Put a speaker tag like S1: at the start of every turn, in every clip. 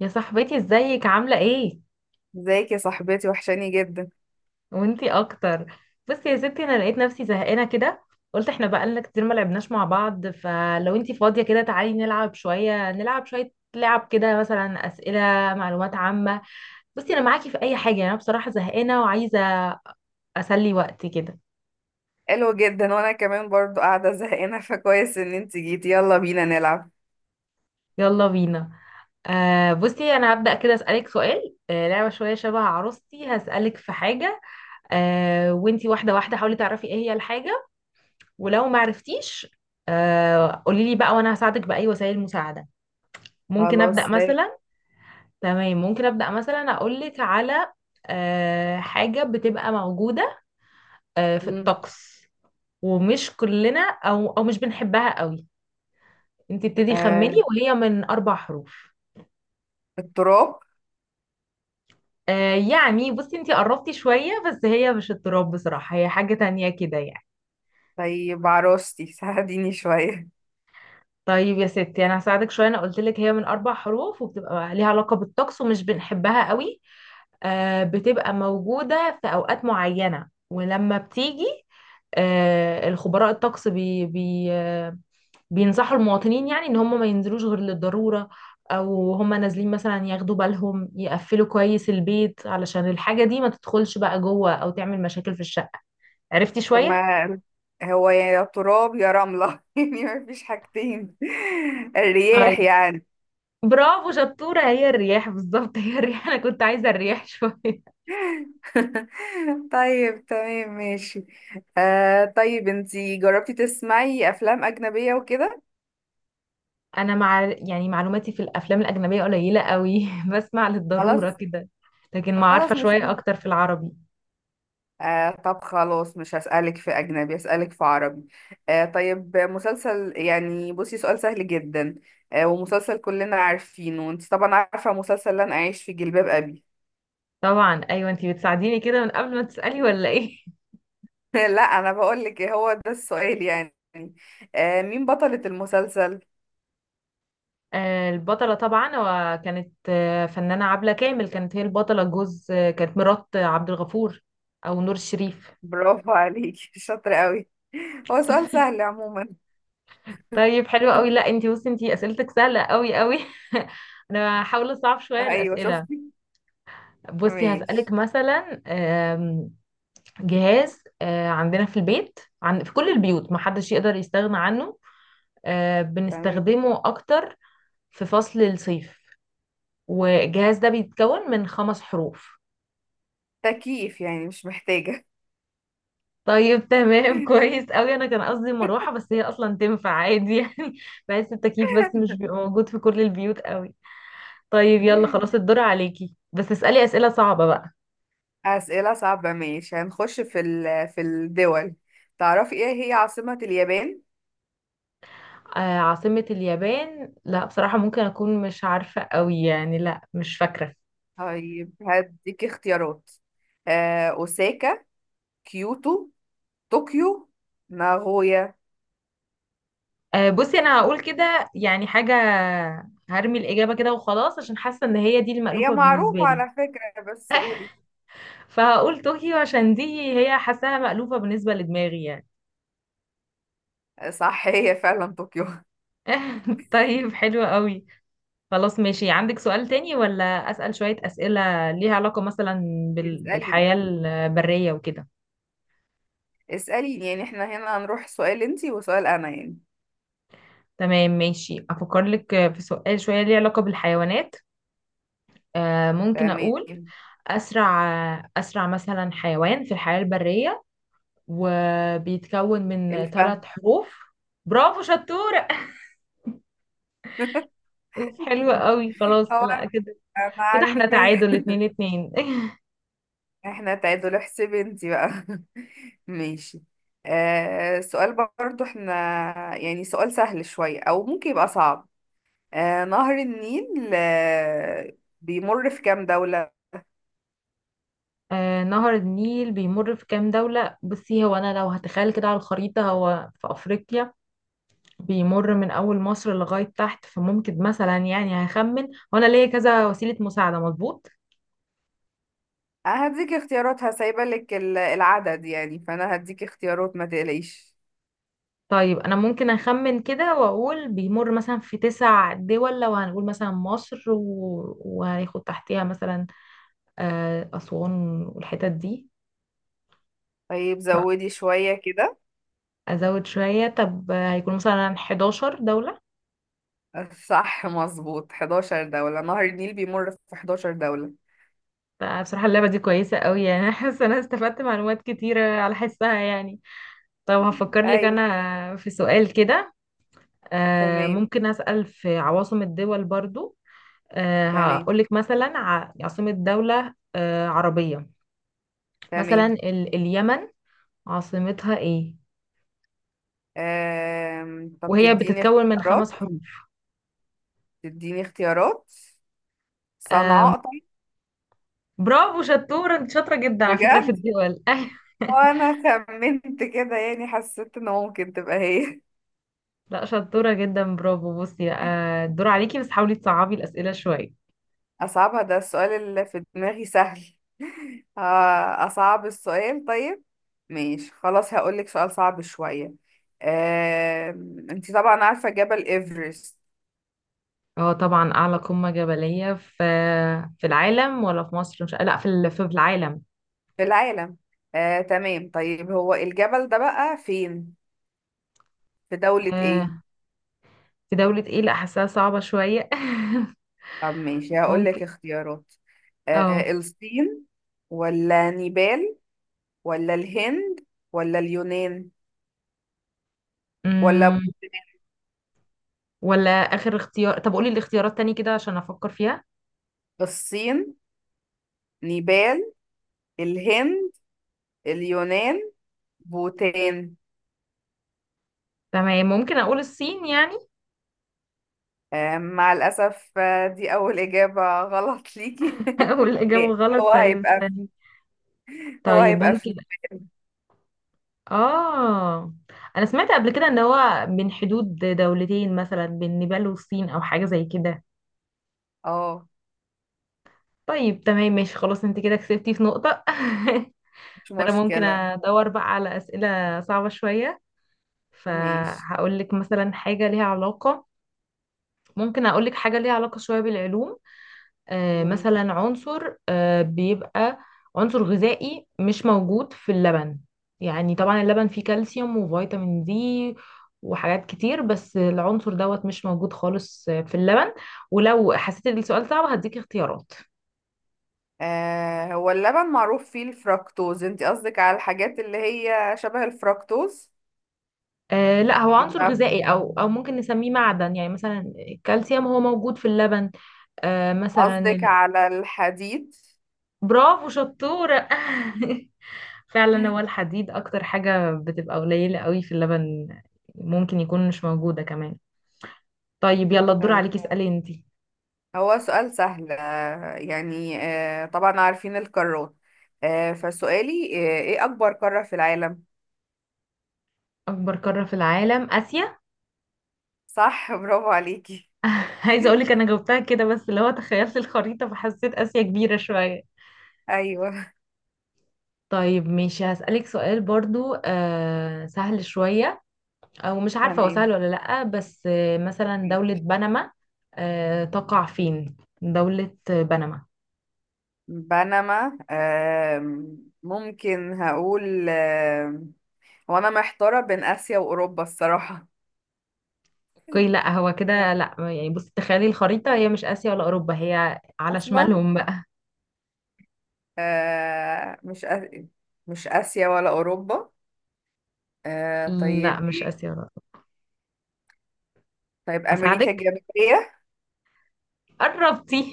S1: يا صاحبتي ازيك عاملة ايه؟
S2: ازيك يا صاحبتي؟ وحشاني جدا.
S1: وانتي اكتر. بصي يا ستي انا لقيت نفسي زهقانة كده. قلت احنا بقالنا كتير ما لعبناش مع بعض، فلو انتي فاضية كده تعالي نلعب شوية، نلعب شوية لعب كده مثلا اسئلة معلومات عامة. بصي انا معاكي في اي حاجة، انا بصراحة زهقانة وعايزة اسلي وقتي كده.
S2: حلو جدا، وانا كمان برضو قاعده زهقانه، فكويس ان انت جيتي. يلا بينا نلعب.
S1: يلا بينا. بصي انا هبدأ كده اسألك سؤال، لعبة شوية شبه عروستي، هسألك في حاجة وانتي واحدة واحدة حاولي تعرفي ايه هي الحاجة، ولو ما عرفتيش قولي لي بقى وانا هساعدك باي وسائل المساعده. ممكن ابدا
S2: خلاص ده.
S1: مثلا. تمام، ممكن ابدا مثلا اقول لك على حاجه بتبقى موجوده في
S2: مم.
S1: الطقس، ومش كلنا او مش بنحبها قوي. انت ابتدي
S2: آه
S1: خمني، وهي من اربع حروف.
S2: التراب.
S1: يعني بصي انت قربتي شويه، بس هي مش التراب بصراحه، هي حاجه تانية كده يعني.
S2: طيب عروستي، ساعديني شويه.
S1: طيب يا ستي انا هساعدك شويه، انا قلت لك هي من اربع حروف وبتبقى ليها علاقه بالطقس ومش بنحبها قوي. بتبقى موجودة في أوقات معينة ولما بتيجي، الخبراء الطقس بي بي آه، بينصحوا المواطنين يعني ان هم ما ينزلوش غير للضرورة، او هم نازلين مثلا ياخدوا بالهم يقفلوا كويس البيت علشان الحاجة دي ما تدخلش بقى جوه او تعمل مشاكل في الشقة. عرفتي
S2: طب
S1: شوية؟
S2: ما هو، يا تراب يا رمله، يعني ما فيش حاجتين. الرياح
S1: طيب
S2: يعني.
S1: برافو شطورة، هي الرياح بالظبط، هي الرياح. انا كنت عايزة الرياح شوية.
S2: طيب، تمام، ماشي. طيب، انتي جربتي تسمعي افلام اجنبيه وكده؟
S1: انا مع يعني معلوماتي في الافلام الاجنبيه قليله قوي، بسمع للضروره
S2: خلاص.
S1: كده، لكن ما عارفه
S2: خلاص مش
S1: شويه اكتر في العربي.
S2: طب خلاص، مش هسألك في أجنبي، هسألك في عربي. طيب، مسلسل، يعني بصي سؤال سهل جدا. ومسلسل كلنا عارفينه، وانت طبعا عارفة مسلسل لن أعيش في جلباب أبي.
S1: طبعا ايوه، انتي بتساعديني كده من قبل ما تسالي ولا ايه؟
S2: لا، أنا بقولك إيه هو ده السؤال يعني. مين بطلة المسلسل؟
S1: البطله طبعا، وكانت فنانه عبله كامل كانت هي البطله، جوز كانت مرات عبد الغفور او نور الشريف.
S2: برافو عليكي. شاطرة قوي. هو سؤال سهل عموما.
S1: طيب حلو قوي، لا انتي بصي انتي اسئلتك سهله قوي قوي. انا هحاول اصعب شويه
S2: أيوة،
S1: الاسئله.
S2: شفتي؟
S1: بصي
S2: ماشي.
S1: هسالك مثلا جهاز عندنا في البيت في كل البيوت ما حدش يقدر يستغنى عنه،
S2: تمام.
S1: بنستخدمه اكتر في فصل الصيف، والجهاز ده بيتكون من خمس حروف.
S2: تكييف، يعني مش محتاجة.
S1: طيب تمام، كويس قوي، انا كان قصدي مروحة، بس هي اصلا تنفع عادي يعني، بحس التكييف بس مش بيبقى موجود في كل البيوت قوي. طيب يلا خلاص الدور عليكي، بس اسألي أسئلة صعبة بقى.
S2: أسئلة صعبة، ماشي، هنخش في الدول. تعرفي ايه هي عاصمة اليابان؟
S1: عاصمة اليابان، لا بصراحة ممكن أكون مش عارفة قوي يعني، لا مش فاكرة.
S2: طيب، هديكي اختيارات. أوساكا، كيوتو، طوكيو، ناغويا.
S1: بصي انا هقول كده يعني حاجه، هرمي الاجابه كده وخلاص، عشان حاسه ان هي دي
S2: هي
S1: المألوفه بالنسبه
S2: معروفة
S1: لي.
S2: على فكرة، بس قولي.
S1: فهقول طوكيو، عشان دي هي حاساها مألوفه بالنسبه لدماغي يعني.
S2: صح، هي فعلا طوكيو.
S1: طيب حلو قوي، خلاص ماشي، عندك سؤال تاني ولا اسأل شويه اسئله ليها علاقه مثلا
S2: اسأليني
S1: بالحياه البريه وكده؟
S2: اسأليني، يعني احنا هنا هنروح سؤال انتي وسؤال أنا يعني.
S1: تمام ماشي، افكر لك في سؤال شويه ليه علاقه بالحيوانات. ممكن
S2: تمام.
S1: اقول اسرع، اسرع مثلا حيوان في الحياه البريه، وبيتكون من
S2: الفهم.
S1: ثلاث حروف. برافو شطورة، أوف، حلوة قوي خلاص
S2: هو
S1: لا
S2: أنا
S1: كده. كده احنا
S2: عارفاه.
S1: تعادل اتنين اتنين.
S2: احنا تعادل، احسبي انتي بقى. ماشي. سؤال برضو احنا، يعني سؤال سهل شوية أو ممكن يبقى صعب. نهر النيل بيمر في كام دولة؟
S1: نهر النيل بيمر في كام دولة؟ بصي هو أنا لو هتخيل كده على الخريطة، هو في أفريقيا بيمر من أول مصر لغاية تحت، فممكن مثلا يعني هخمن، وأنا ليا كذا وسيلة مساعدة مظبوط.
S2: هديك اختيارات، هسايبة لك العدد، يعني فأنا هديك اختيارات، ما تقلقيش.
S1: طيب أنا ممكن أخمن كده وأقول بيمر مثلا في تسع دول، لو هنقول مثلا مصر و... وهياخد تحتها مثلا أسوان والحتت دي.
S2: طيب، زودي شوية كده.
S1: فأزود شوية، طب هيكون مثلا 11 دولة.
S2: صح، مظبوط، 11 دولة، نهر النيل بيمر في 11 دولة.
S1: بصراحة اللعبة دي كويسة قوي يعني، أنا حاسة أنا استفدت معلومات كتيرة على حسها يعني. طب هفكر لك
S2: أيوة.
S1: أنا في سؤال كده.
S2: تمام،
S1: ممكن أسأل في عواصم الدول برضو.
S2: تمام،
S1: هقولك مثلا عاصمة دولة عربية، مثلا
S2: تمام.
S1: اليمن عاصمتها إيه،
S2: طب
S1: وهي
S2: تديني
S1: بتتكون من خمس
S2: اختيارات.
S1: حروف.
S2: تديني اختيارات.
S1: آه،
S2: صنعاء.
S1: برافو شطورة، انت شاطرة جدا على فكرة في
S2: بجد.
S1: الدول، ايوه.
S2: وانا خمنت كده، يعني حسيت ان ممكن تبقى هي.
S1: لا شطورة جدا، برافو بصي، الدور عليكي، بس حاولي تصعبي الأسئلة شوية.
S2: اصعبها؟ ده السؤال اللي في دماغي سهل. اصعب السؤال. طيب، ماشي، خلاص، هقولك سؤال صعب شوية. آه، انتي طبعا عارفة جبل ايفرست.
S1: اه طبعا أعلى قمة جبلية في في العالم، ولا في مصر؟ مش لا في في العالم.
S2: في العالم. تمام، طيب، هو الجبل ده بقى فين؟ في دولة ايه؟
S1: آه، في دولة ايه؟ لا حاساها صعبة شوية.
S2: طب، ماشي،
S1: ممكن.
S2: هقولك اختيارات.
S1: اه.
S2: الصين، ولا نيبال؟ ولا الهند؟ ولا اليونان؟ ولا
S1: أمم، ولا آخر اختيار، طب قولي الاختيارات تاني كده عشان أفكر فيها.
S2: الصين، نيبال، الهند، اليونان، بوتان.
S1: تمام، ممكن أقول الصين يعني.
S2: مع الأسف، دي أول إجابة غلط ليكي.
S1: والإجابة غلط،
S2: هو
S1: طيب
S2: هيبقى
S1: استني.
S2: في هو
S1: طيب
S2: هيبقى
S1: ممكن.
S2: في نيبال.
S1: اه، انا سمعت قبل كده ان هو من حدود دولتين، مثلا بين نيبال والصين او حاجه زي كده.
S2: اه.
S1: طيب تمام ماشي خلاص، انت كده كسبتي في نقطه،
S2: مش
S1: فانا ممكن
S2: مشكلة.
S1: ادور بقى على اسئله صعبه شويه.
S2: ماشي.
S1: فهقول لك مثلا حاجه ليها علاقه، ممكن اقول لك حاجه ليها علاقه شويه بالعلوم.
S2: ماشي.
S1: مثلا عنصر بيبقى عنصر غذائي مش موجود في اللبن، يعني طبعا اللبن فيه كالسيوم وفيتامين دي وحاجات كتير، بس العنصر دوت مش موجود خالص في اللبن، ولو حسيت ان السؤال صعب هديك اختيارات.
S2: هو اللبن معروف فيه الفركتوز، انت قصدك على الحاجات اللي هي شبه الفركتوز؟
S1: آه لا، هو عنصر
S2: يبقى
S1: غذائي او ممكن نسميه معدن، يعني مثلا الكالسيوم هو موجود في اللبن. آه مثلا
S2: قصدك على الحديد؟
S1: برافو شطورة، فعلا هو الحديد اكتر حاجة بتبقى قليلة قوي في اللبن، ممكن يكون مش موجودة كمان. طيب يلا الدور
S2: تمام.
S1: عليكي، اسألي انتي.
S2: هو سؤال سهل، يعني، طبعا عارفين القارات. فسؤالي، ايه اكبر قارة في العالم؟
S1: اكبر قارة في العالم اسيا.
S2: صح. برافو عليكي.
S1: عايزة اقولك انا جاوبتها كده، بس اللي هو تخيلت الخريطة فحسيت اسيا كبيرة شوية.
S2: ايوه.
S1: طيب ماشي، هسألك سؤال برضو آه سهل شوية، او مش عارفة هو
S2: تمام.
S1: سهل ولا لأ، بس آه مثلا دولة بنما تقع فين، دولة بنما؟
S2: بنما، ممكن هقول، هو انا محتارة بين اسيا واوروبا الصراحة.
S1: اوكي لا، هو كده لا يعني، بصي تخيلي الخريطة، هي مش آسيا ولا أوروبا، هي على
S2: اصلا،
S1: شمالهم بقى.
S2: آه، مش آ- مش اسيا ولا اوروبا.
S1: لا
S2: طيب
S1: مش
S2: ايه؟
S1: آسيا ولا أوروبا.
S2: طيب، امريكا
S1: أساعدك،
S2: الجنوبية؟
S1: قربتي.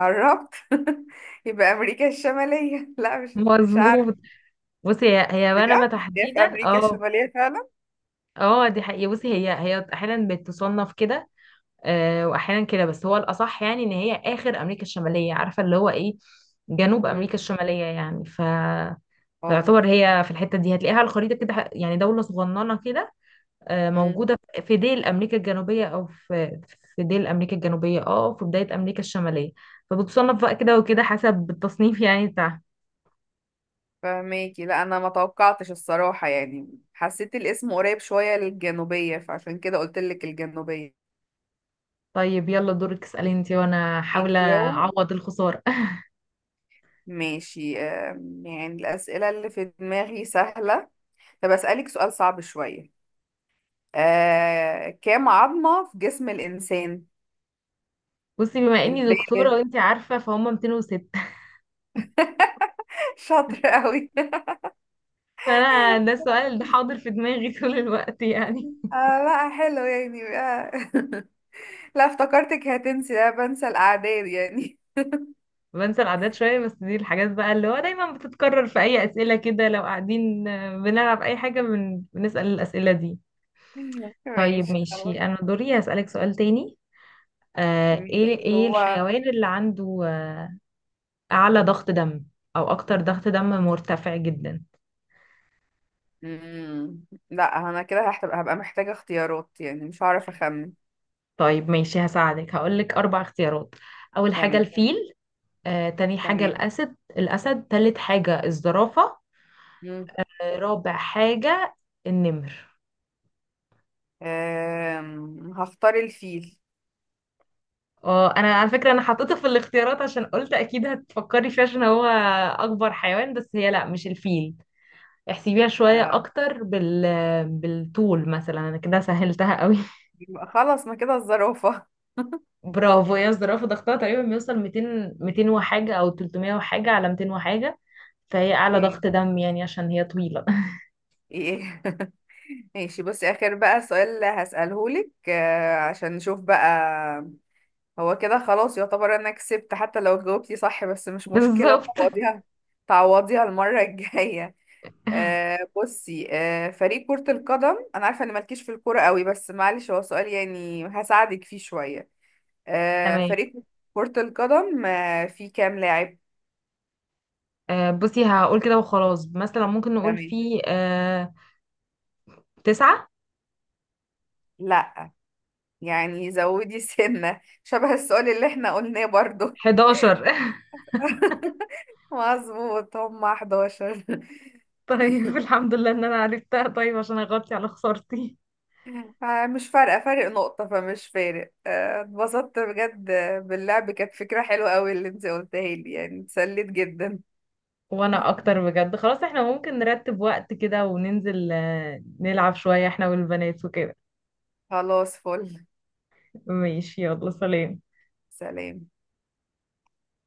S2: قربت. يبقى امريكا الشمالية. لا، مش عارف.
S1: مظبوط، بصي هي بنما
S2: بجد؟ هي في
S1: تحديدا
S2: امريكا
S1: اه.
S2: الشمالية فعلا؟
S1: اه دي حقيقة، بصي هي أحيانا بتصنف كده وأحيانا كده، بس هو الأصح يعني إن هي آخر أمريكا الشمالية، عارفة اللي هو إيه، جنوب
S2: مم.
S1: أمريكا الشمالية يعني ف
S2: اه.
S1: فيعتبر هي في الحتة دي هتلاقيها على الخريطة كده يعني، دولة صغننة كده
S2: مم.
S1: موجودة في ديل أمريكا الجنوبية، أو في في ديل أمريكا الجنوبية اه، وفي بداية أمريكا الشمالية، فبتصنف بقى كده وكده حسب التصنيف يعني بتاعها.
S2: فماكي، لا، انا ما توقعتش الصراحة، يعني حسيت الاسم قريب شوية للجنوبية، فعشان كده قلت لك الجنوبية.
S1: طيب يلا دورك اسألي انتي، وانا حاولة
S2: ماشي اهو.
S1: اعوض الخسارة.
S2: ماشي، يعني الأسئلة اللي في دماغي سهلة. طب أسألك سؤال صعب شوية. كام عظمة في جسم الإنسان
S1: بصي بما اني
S2: البالغ؟
S1: دكتورة وانتي عارفة فهم 206.
S2: شاطر قوي.
S1: فانا ده السؤال ده حاضر في دماغي طول الوقت يعني.
S2: آه لا، حلو يعني. لا، افتكرتك هتنسي. لا، بنسى الأعداد يعني.
S1: بنسى الأعداد شوية، بس دي الحاجات بقى اللي هو دايما بتتكرر في أي أسئلة كده لو قاعدين بنلعب أي حاجة، بنسأل الأسئلة دي. طيب
S2: ماشي، خلاص.
S1: ماشي، أنا دوري هسألك سؤال تاني.
S2: ماشي،
S1: ايه
S2: هو...
S1: الحيوان اللي عنده اعلى ضغط دم، او اكتر ضغط دم مرتفع جدا؟
S2: مم. لا، أنا كده هبقى محتاجة اختيارات، يعني مش هعرف أخمن.
S1: طيب ماشي هساعدك، هقولك اربع اختيارات، اول حاجة
S2: تمام.
S1: الفيل، تاني حاجة
S2: تمام.
S1: الاسد، تالت حاجة الزرافة،
S2: مم.
S1: رابع حاجة النمر.
S2: هختار الفيل.
S1: اه انا على فكرة انا حطيته في الاختيارات عشان قلت اكيد هتفكري فيه، عشان هو اكبر حيوان، بس هي لا مش الفيل، احسبيها شوية
S2: آه.
S1: اكتر بالطول مثلا، انا كده سهلتها قوي.
S2: يبقى خلاص، ما كده الزرافة.
S1: برافو، هي الزرافة، ضغطها تقريبا بيوصل 200، 200 وحاجة أو 300 وحاجة على 200 وحاجة، فهي أعلى
S2: ايه؟
S1: ضغط دم يعني عشان هي طويلة.
S2: ايه؟ ماشي، بصي، آخر بقى سؤال هسأله لك، عشان نشوف بقى. هو كده خلاص، يعتبر انا كسبت حتى لو جاوبتي صح، بس مش مشكلة،
S1: بالظبط.
S2: تعوضيها. تعوضيها المرة الجاية. بصي، فريق كرة القدم، انا عارفة ان مالكيش في الكورة قوي، بس معلش، هو سؤال يعني هساعدك فيه شوية.
S1: تمام،
S2: فريق كرة القدم فيه كام لاعب؟
S1: بصي هقول كده وخلاص، مثلا ممكن نقول
S2: تمام.
S1: في تسعة.
S2: لا، يعني زودي سنة شبه السؤال اللي احنا قلناه برضو.
S1: 11.
S2: مظبوط، هم 11.
S1: طيب الحمد لله إن أنا عرفتها، طيب عشان أغطي على خسارتي.
S2: مش فارقة، فارق نقطة فمش فارق، اتبسطت بجد باللعب. كانت فكرة حلوة قوي اللي انت قلتها لي، يعني اتسليت جدا.
S1: وأنا أكتر بجد، خلاص احنا ممكن نرتب وقت كده وننزل نلعب شوية احنا والبنات وكده.
S2: خلاص، فل.
S1: ماشي، يلا سلام.
S2: سلام.